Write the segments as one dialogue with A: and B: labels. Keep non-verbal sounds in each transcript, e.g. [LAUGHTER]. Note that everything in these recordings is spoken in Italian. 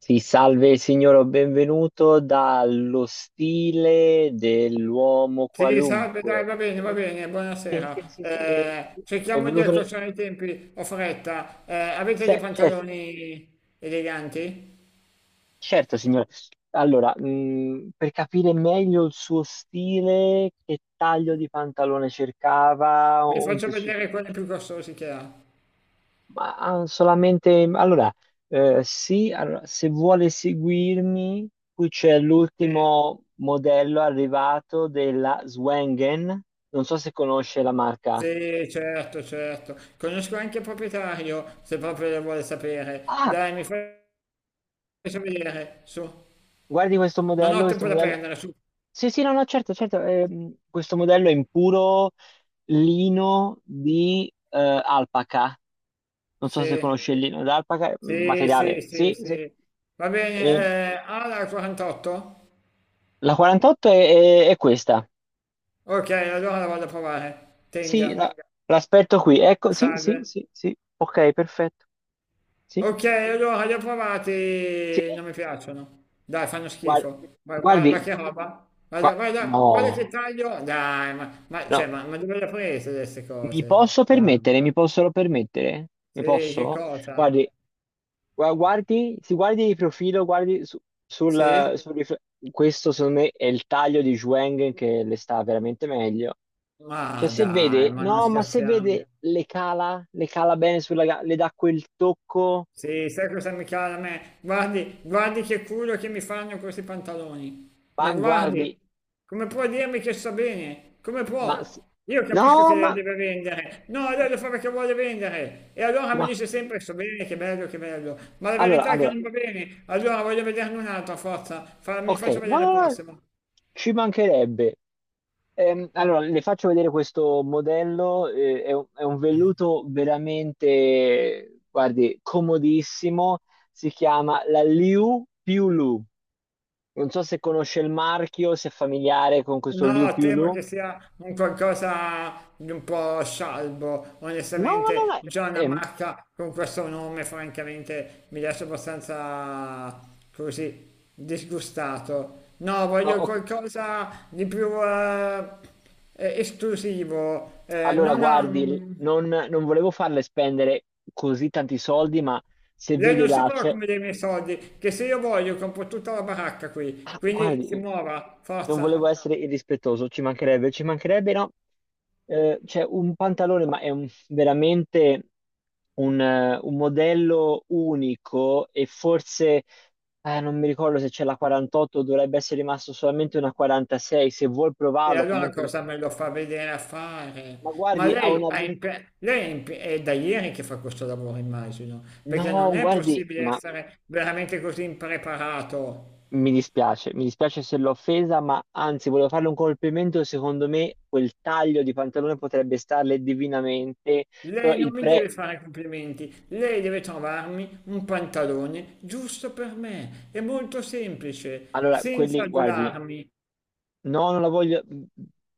A: Sì, salve signore, benvenuto dallo stile dell'uomo
B: Sì, salve, dai,
A: qualunque.
B: va
A: Sì,
B: bene,
A: sì, sì,
B: buonasera.
A: sì, sì, eh, sì.
B: Cerchiamo di
A: Benvenuto.
B: accorciare i tempi, ho fretta. Avete dei
A: Cer- cer-
B: pantaloni eleganti?
A: certo, signore. Allora, per capire meglio il suo stile, che taglio di pantalone cercava,
B: Vi
A: un
B: faccio
A: tessuto.
B: vedere quelli più costosi che ha.
A: Solamente allora, sì, allora, se vuole seguirmi, qui c'è
B: Sì,
A: l'ultimo modello arrivato della Swangen. Non so se conosce la marca.
B: sì, certo, certo. Conosco anche il proprietario, se proprio lo vuole sapere.
A: Ah,
B: Dai, faccio vedere, su.
A: guardi questo
B: Non
A: modello,
B: ho
A: questo
B: tempo da
A: modello.
B: perdere, su.
A: Sì, sì, no, no, certo, certo. Questo modello è in puro lino di alpaca. Non so se
B: Sì,
A: conosce il lino d'alpaca,
B: sì, sì,
A: materiale.
B: sì,
A: Sì, sì.
B: sì. Va bene,
A: E
B: ha la 48?
A: la 48 è è questa.
B: Ok, allora la vado a provare.
A: Sì, la-
B: Tenga.
A: L'aspetto qui. Ecco, sì, sì,
B: Salve.
A: sì, sì. Ok, perfetto. Sì,
B: Ok, allora li ho
A: sì.
B: provati, non mi piacciono. Dai, fanno
A: Guardi,
B: schifo. Ma
A: guardi,
B: che roba? Guarda, guarda,
A: no,
B: guarda che taglio. Dai, cioè,
A: no.
B: ma dove le ha prese queste
A: Mi
B: cose?
A: posso
B: Dai.
A: permettere? Mi possono permettere? Mi
B: Sì, che
A: posso?
B: cosa?
A: Guardi, guardi, si guardi di profilo,
B: Sì?
A: sul rifle- Questo secondo me è il taglio di Zhuang che le sta veramente meglio. Cioè,
B: Ma
A: se
B: dai,
A: vede,
B: ma non
A: no, ma se
B: scherziamo.
A: vede le cala bene le dà quel tocco.
B: Sì, sai cosa mi cala a me? Guardi, guardi che culo che mi fanno questi pantaloni. Ma
A: Ma
B: guardi,
A: guardi,
B: come può dirmi che sta bene? Come
A: Ma
B: può?
A: s-
B: Io
A: no,
B: capisco che
A: ma
B: lei deve vendere. No, lei lo fa perché vuole vendere. E allora mi
A: no.
B: dice sempre sto bene, che bello, che bello. Ma la
A: Allora,
B: verità è che
A: allora,
B: non va bene. Allora voglio vederne un altro, a forza. Mi
A: ok,
B: faccio
A: no,
B: vedere il
A: no, no,
B: prossimo.
A: ci mancherebbe. Allora, le faccio vedere questo modello, è è un velluto veramente, guardi, comodissimo. Si chiama la Liu Piu Lu. Non so se conosce il marchio, se è familiare con questo Liu
B: No,
A: Piu
B: temo
A: Lu.
B: che sia un qualcosa di un po' scialbo.
A: No, no, no,
B: Onestamente,
A: no.
B: già una
A: è-
B: marca con questo nome, francamente, mi lascia abbastanza così disgustato. No, voglio
A: oh, ok.
B: qualcosa di più esclusivo.
A: Allora,
B: Non ha
A: guardi,
B: un...
A: non volevo farle spendere così tanti soldi, ma se
B: Lei
A: vede
B: non si trova come dei miei soldi, che se io voglio compro tutta la baracca qui,
A: Ah,
B: quindi si
A: guardi,
B: muova,
A: non volevo
B: forza.
A: essere irrispettoso, ci mancherebbe, no? C'è un pantalone, ma è veramente un modello unico e forse, non mi ricordo se c'è la 48, dovrebbe essere rimasto solamente una 46, se vuol
B: E
A: provarlo
B: allora
A: comunque.
B: cosa me lo fa vedere a fare?
A: Ma
B: Ma
A: guardi, ha
B: lei,
A: una...
B: lei è, è da ieri che fa questo lavoro, immagino, perché
A: No,
B: non è
A: guardi,
B: possibile
A: ma
B: essere veramente così impreparato.
A: mi dispiace, mi dispiace se l'ho offesa, ma anzi volevo farle un complimento, secondo me quel taglio di pantalone potrebbe starle divinamente, però
B: Lei non
A: il
B: mi deve
A: pre...
B: fare complimenti, lei deve trovarmi un pantalone giusto per me. È molto semplice,
A: Allora,
B: senza
A: quelli, guardi,
B: adularmi.
A: no, non la voglio. Mhmm,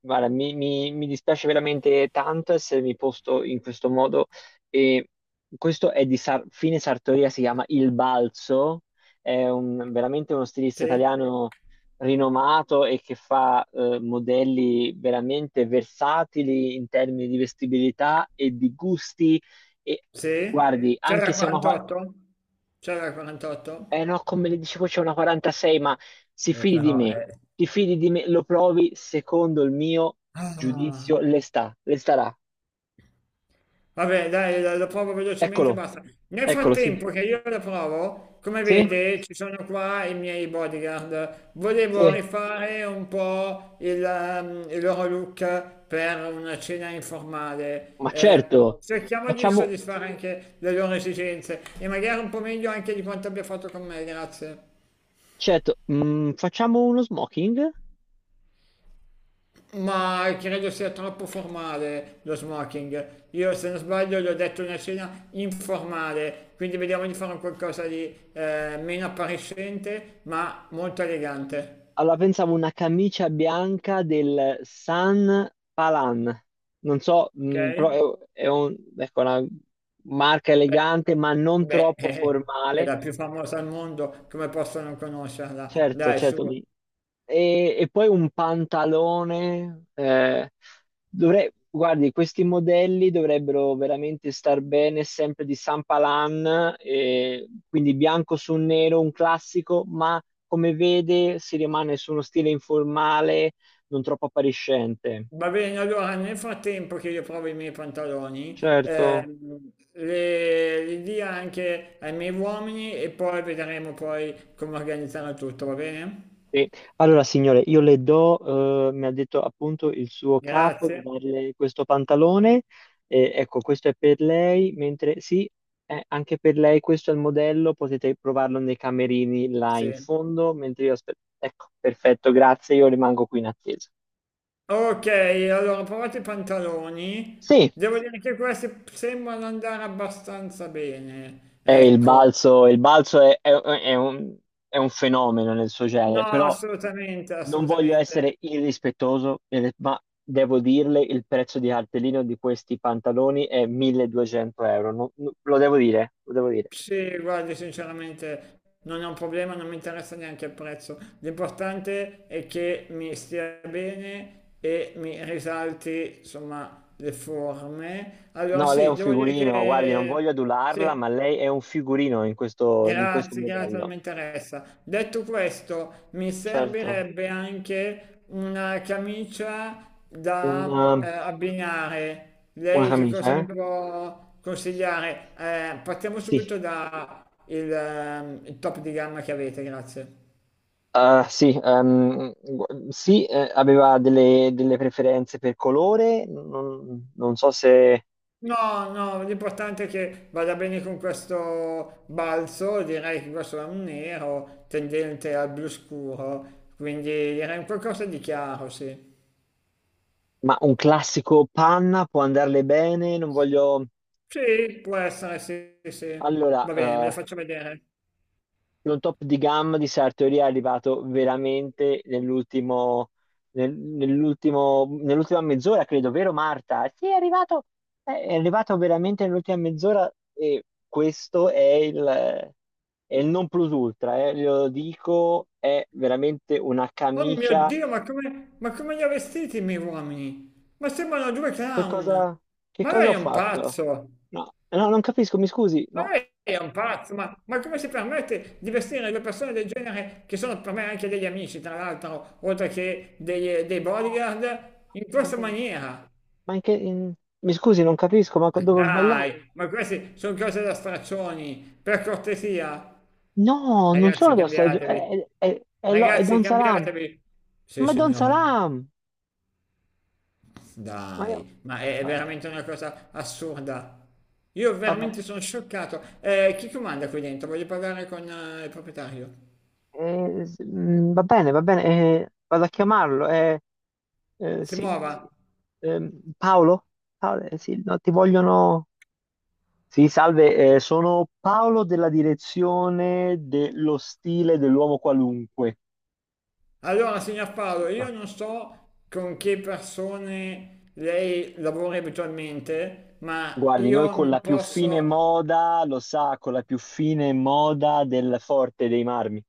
A: Guarda, mi dispiace veramente tanto essermi posto in questo modo. E questo è di Fine Sartoria, si chiama Il Balzo, è veramente uno stilista
B: Sì?
A: italiano rinomato e che fa modelli veramente versatili in termini di vestibilità e di gusti. E
B: Sì?
A: guardi, anche
B: C'era
A: se è una.
B: 48? C'era 48?
A: Eh no, come le dicevo c'è una 46, ma si fidi di
B: Però,
A: me,
B: eh.
A: ti fidi di me, lo provi, secondo il mio
B: Ah,
A: giudizio le starà.
B: vabbè, dai, lo provo velocemente e
A: Eccolo,
B: basta. Nel
A: eccolo, sì.
B: frattempo che io la provo, come
A: Sì?
B: vede, ci sono qua i miei bodyguard. Volevo
A: Sì.
B: rifare un po' il loro look per una cena informale.
A: Ma certo,
B: Cerchiamo di
A: facciamo,
B: soddisfare anche le loro esigenze e magari un po' meglio anche di quanto abbia fatto con me, grazie.
A: certo, facciamo uno smoking?
B: Ma credo sia troppo formale lo smoking. Io, se non sbaglio, gli ho detto una cena informale, quindi vediamo di fare un qualcosa di meno appariscente, ma molto elegante.
A: Allora pensavo una camicia bianca del San Palan. Non so,
B: Ok?
A: però è ecco, una marca
B: Beh,
A: elegante, ma non
B: beh,
A: troppo
B: [LAUGHS] è
A: formale.
B: la più famosa al mondo, come posso non conoscerla?
A: Certo,
B: Dai, su.
A: certo, mi, e poi un pantalone. Dovrei, guardi, questi modelli dovrebbero veramente star bene sempre di Sampalan, quindi bianco su nero, un classico, ma come vede si rimane su uno stile informale, non troppo appariscente.
B: Va bene, allora nel frattempo che io provo i miei pantaloni,
A: Certo,
B: li dia anche ai miei uomini e poi vedremo poi come organizzare tutto, va bene?
A: sì. Allora, signore, io le do, mi ha detto appunto il suo capo di
B: Grazie.
A: darle questo pantalone. Ecco, questo è per lei, mentre sì, anche per lei questo è il modello, potete provarlo nei camerini là in
B: Sì.
A: fondo, mentre io aspetto. Ecco, perfetto, grazie, io rimango qui in attesa.
B: Ok, allora provate i pantaloni.
A: Sì,
B: Devo dire che questi sembrano andare abbastanza bene.
A: è
B: Ecco.
A: il balzo è un fenomeno nel suo
B: No,
A: genere, però
B: assolutamente,
A: non voglio
B: assolutamente.
A: essere irrispettoso, ma devo dirle il prezzo di cartellino di questi pantaloni è 1200 euro. Lo devo dire, lo devo dire.
B: Sì, guardi, sinceramente non è un problema, non mi interessa neanche il prezzo. L'importante è che mi stia bene e mi risalti, insomma, le forme. Allora
A: No, lei è
B: sì,
A: un
B: devo dire
A: figurino, guardi, non voglio
B: che
A: adularla, ma
B: sì.
A: lei è un figurino in questo
B: Grazie, grazie, non
A: modello.
B: mi interessa. Detto questo, mi
A: Certo.
B: servirebbe anche una camicia da
A: Una,
B: abbinare.
A: una
B: Lei che cosa
A: camicia,
B: mi
A: eh?
B: può consigliare? Partiamo subito
A: Sì.
B: da il top di gamma che avete, grazie.
A: Ah, sì, sì, aveva delle preferenze per colore, non so se...
B: No, no, l'importante è che vada bene con questo balzo, direi che questo è un nero tendente al blu scuro, quindi direi un qualcosa di chiaro, sì.
A: Ma un classico panna può andarle bene, non voglio...
B: Sì, può essere, sì, sì, sì.
A: Allora,
B: Va bene, me le faccio vedere.
A: un top di gamma di Sartori è arrivato veramente nell'ultimo, nell'ultimo, nell'ultima mezz'ora, credo, vero Marta? Sì, è arrivato, è arrivato veramente nell'ultima mezz'ora e questo è il non plus ultra, glielo dico, è veramente una
B: Oh mio
A: camicia.
B: Dio, ma come li ha vestiti i miei uomini? Ma sembrano due
A: Che
B: clown.
A: cosa, che
B: Ma
A: cosa
B: lei
A: ho
B: è un
A: fatto?
B: pazzo.
A: No, no, non capisco, mi scusi,
B: Ma
A: no.
B: lei è un pazzo. Ma come si permette di vestire due persone del genere, che sono per me anche degli amici, tra l'altro, oltre che dei bodyguard, in
A: No,
B: questa maniera?
A: ma anche in... mi scusi, non capisco, ma dove ho
B: Dai,
A: sbagliato?
B: ma queste sono cose da straccioni, per cortesia.
A: No, non sono
B: Ragazzi,
A: dorsi,
B: cambiatevi.
A: è è
B: Ragazzi,
A: Don Salam.
B: cambiatevi. Sì,
A: Ma è Don
B: signore.
A: Salam! Ma io...
B: Dai, ma è
A: ma-
B: veramente una cosa assurda. Io veramente
A: Vabbè,
B: sono scioccato. Chi comanda qui dentro? Voglio parlare con il proprietario.
A: va bene, vado a chiamarlo.
B: Si
A: Sì,
B: muova.
A: sì. Ehm, Paolo? Paolo, sì, no, ti vogliono... Sì, salve, sono Paolo della direzione dello stile dell'uomo qualunque.
B: Allora, signor Paolo, io non so con che persone lei lavori abitualmente, ma
A: Guardi, noi
B: io
A: con la
B: non
A: più fine
B: posso.
A: moda, lo sa, con la più fine moda del Forte dei Marmi.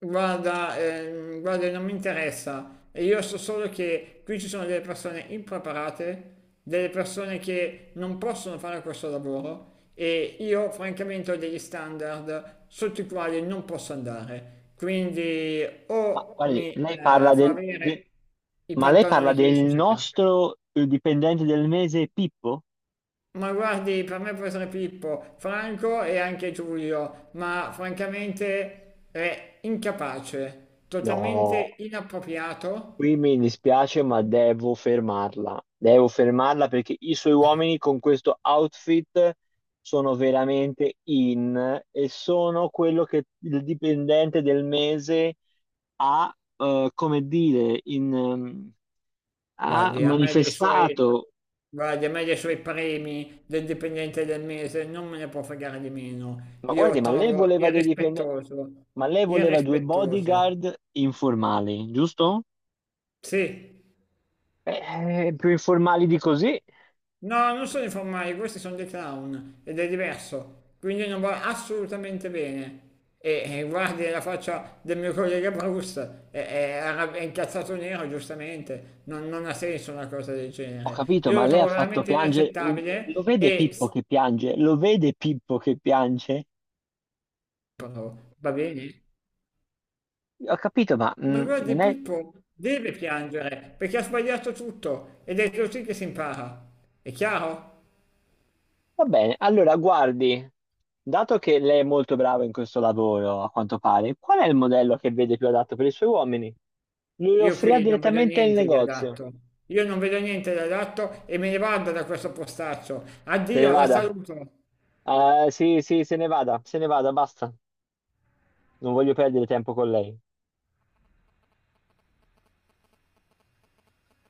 B: Guarda, guarda, non mi interessa. E io so solo che qui ci sono delle persone impreparate, delle persone che non possono fare questo lavoro e io francamente ho degli standard sotto i quali non posso andare. Quindi
A: Ma
B: o
A: guardi,
B: mi
A: lei parla
B: fa
A: del,
B: avere
A: del-
B: i
A: ma lei parla
B: pantaloni che
A: del
B: io sto cercando.
A: nostro dipendente del mese Pippo?
B: Ma guardi, per me può essere Pippo, Franco e anche Giulio, ma francamente è incapace,
A: No,
B: totalmente inappropriato.
A: qui mi dispiace, ma devo fermarla. Devo fermarla perché i suoi uomini con questo outfit sono veramente in e sono quello che il dipendente del mese ha, come dire, in... ha
B: Guardi, a me dei suoi,
A: manifestato,
B: guardi, a me dei suoi premi del dipendente del mese non me ne può fregare di meno.
A: ma
B: Io
A: guardi, ma lei
B: trovo
A: voleva dei dipendenti,
B: irrispettoso,
A: ma lei voleva due
B: irrispettoso.
A: bodyguard informali, giusto?
B: Sì.
A: Più informali di così.
B: No, non sono i formali, questi sono dei clown ed è diverso, quindi non va assolutamente bene. E guardi la faccia del mio collega Bruce, è incazzato nero, giustamente, non ha senso una cosa del
A: Ho
B: genere.
A: capito,
B: Io
A: ma
B: lo
A: lei ha
B: trovo
A: fatto
B: veramente
A: piangere. Lo
B: inaccettabile
A: vede
B: e
A: Pippo che piange? Lo vede Pippo che piange?
B: Stefano, va bene?
A: Ho capito, ma
B: Ma guardi,
A: non è...
B: Pippo deve piangere perché ha sbagliato tutto ed è così che si impara. È chiaro?
A: Va bene, allora guardi, dato che lei è molto brava in questo lavoro, a quanto pare, qual è il modello che vede più adatto per i suoi uomini? Lui lo
B: Io
A: offrirà
B: qui non vedo
A: direttamente nel
B: niente di
A: negozio.
B: adatto. Io non vedo niente di adatto e me ne vado da questo postaccio.
A: Se ne
B: Addio, la
A: vada.
B: saluto.
A: Sì, sì, se ne vada, se ne vada, basta. Non voglio perdere tempo con lei.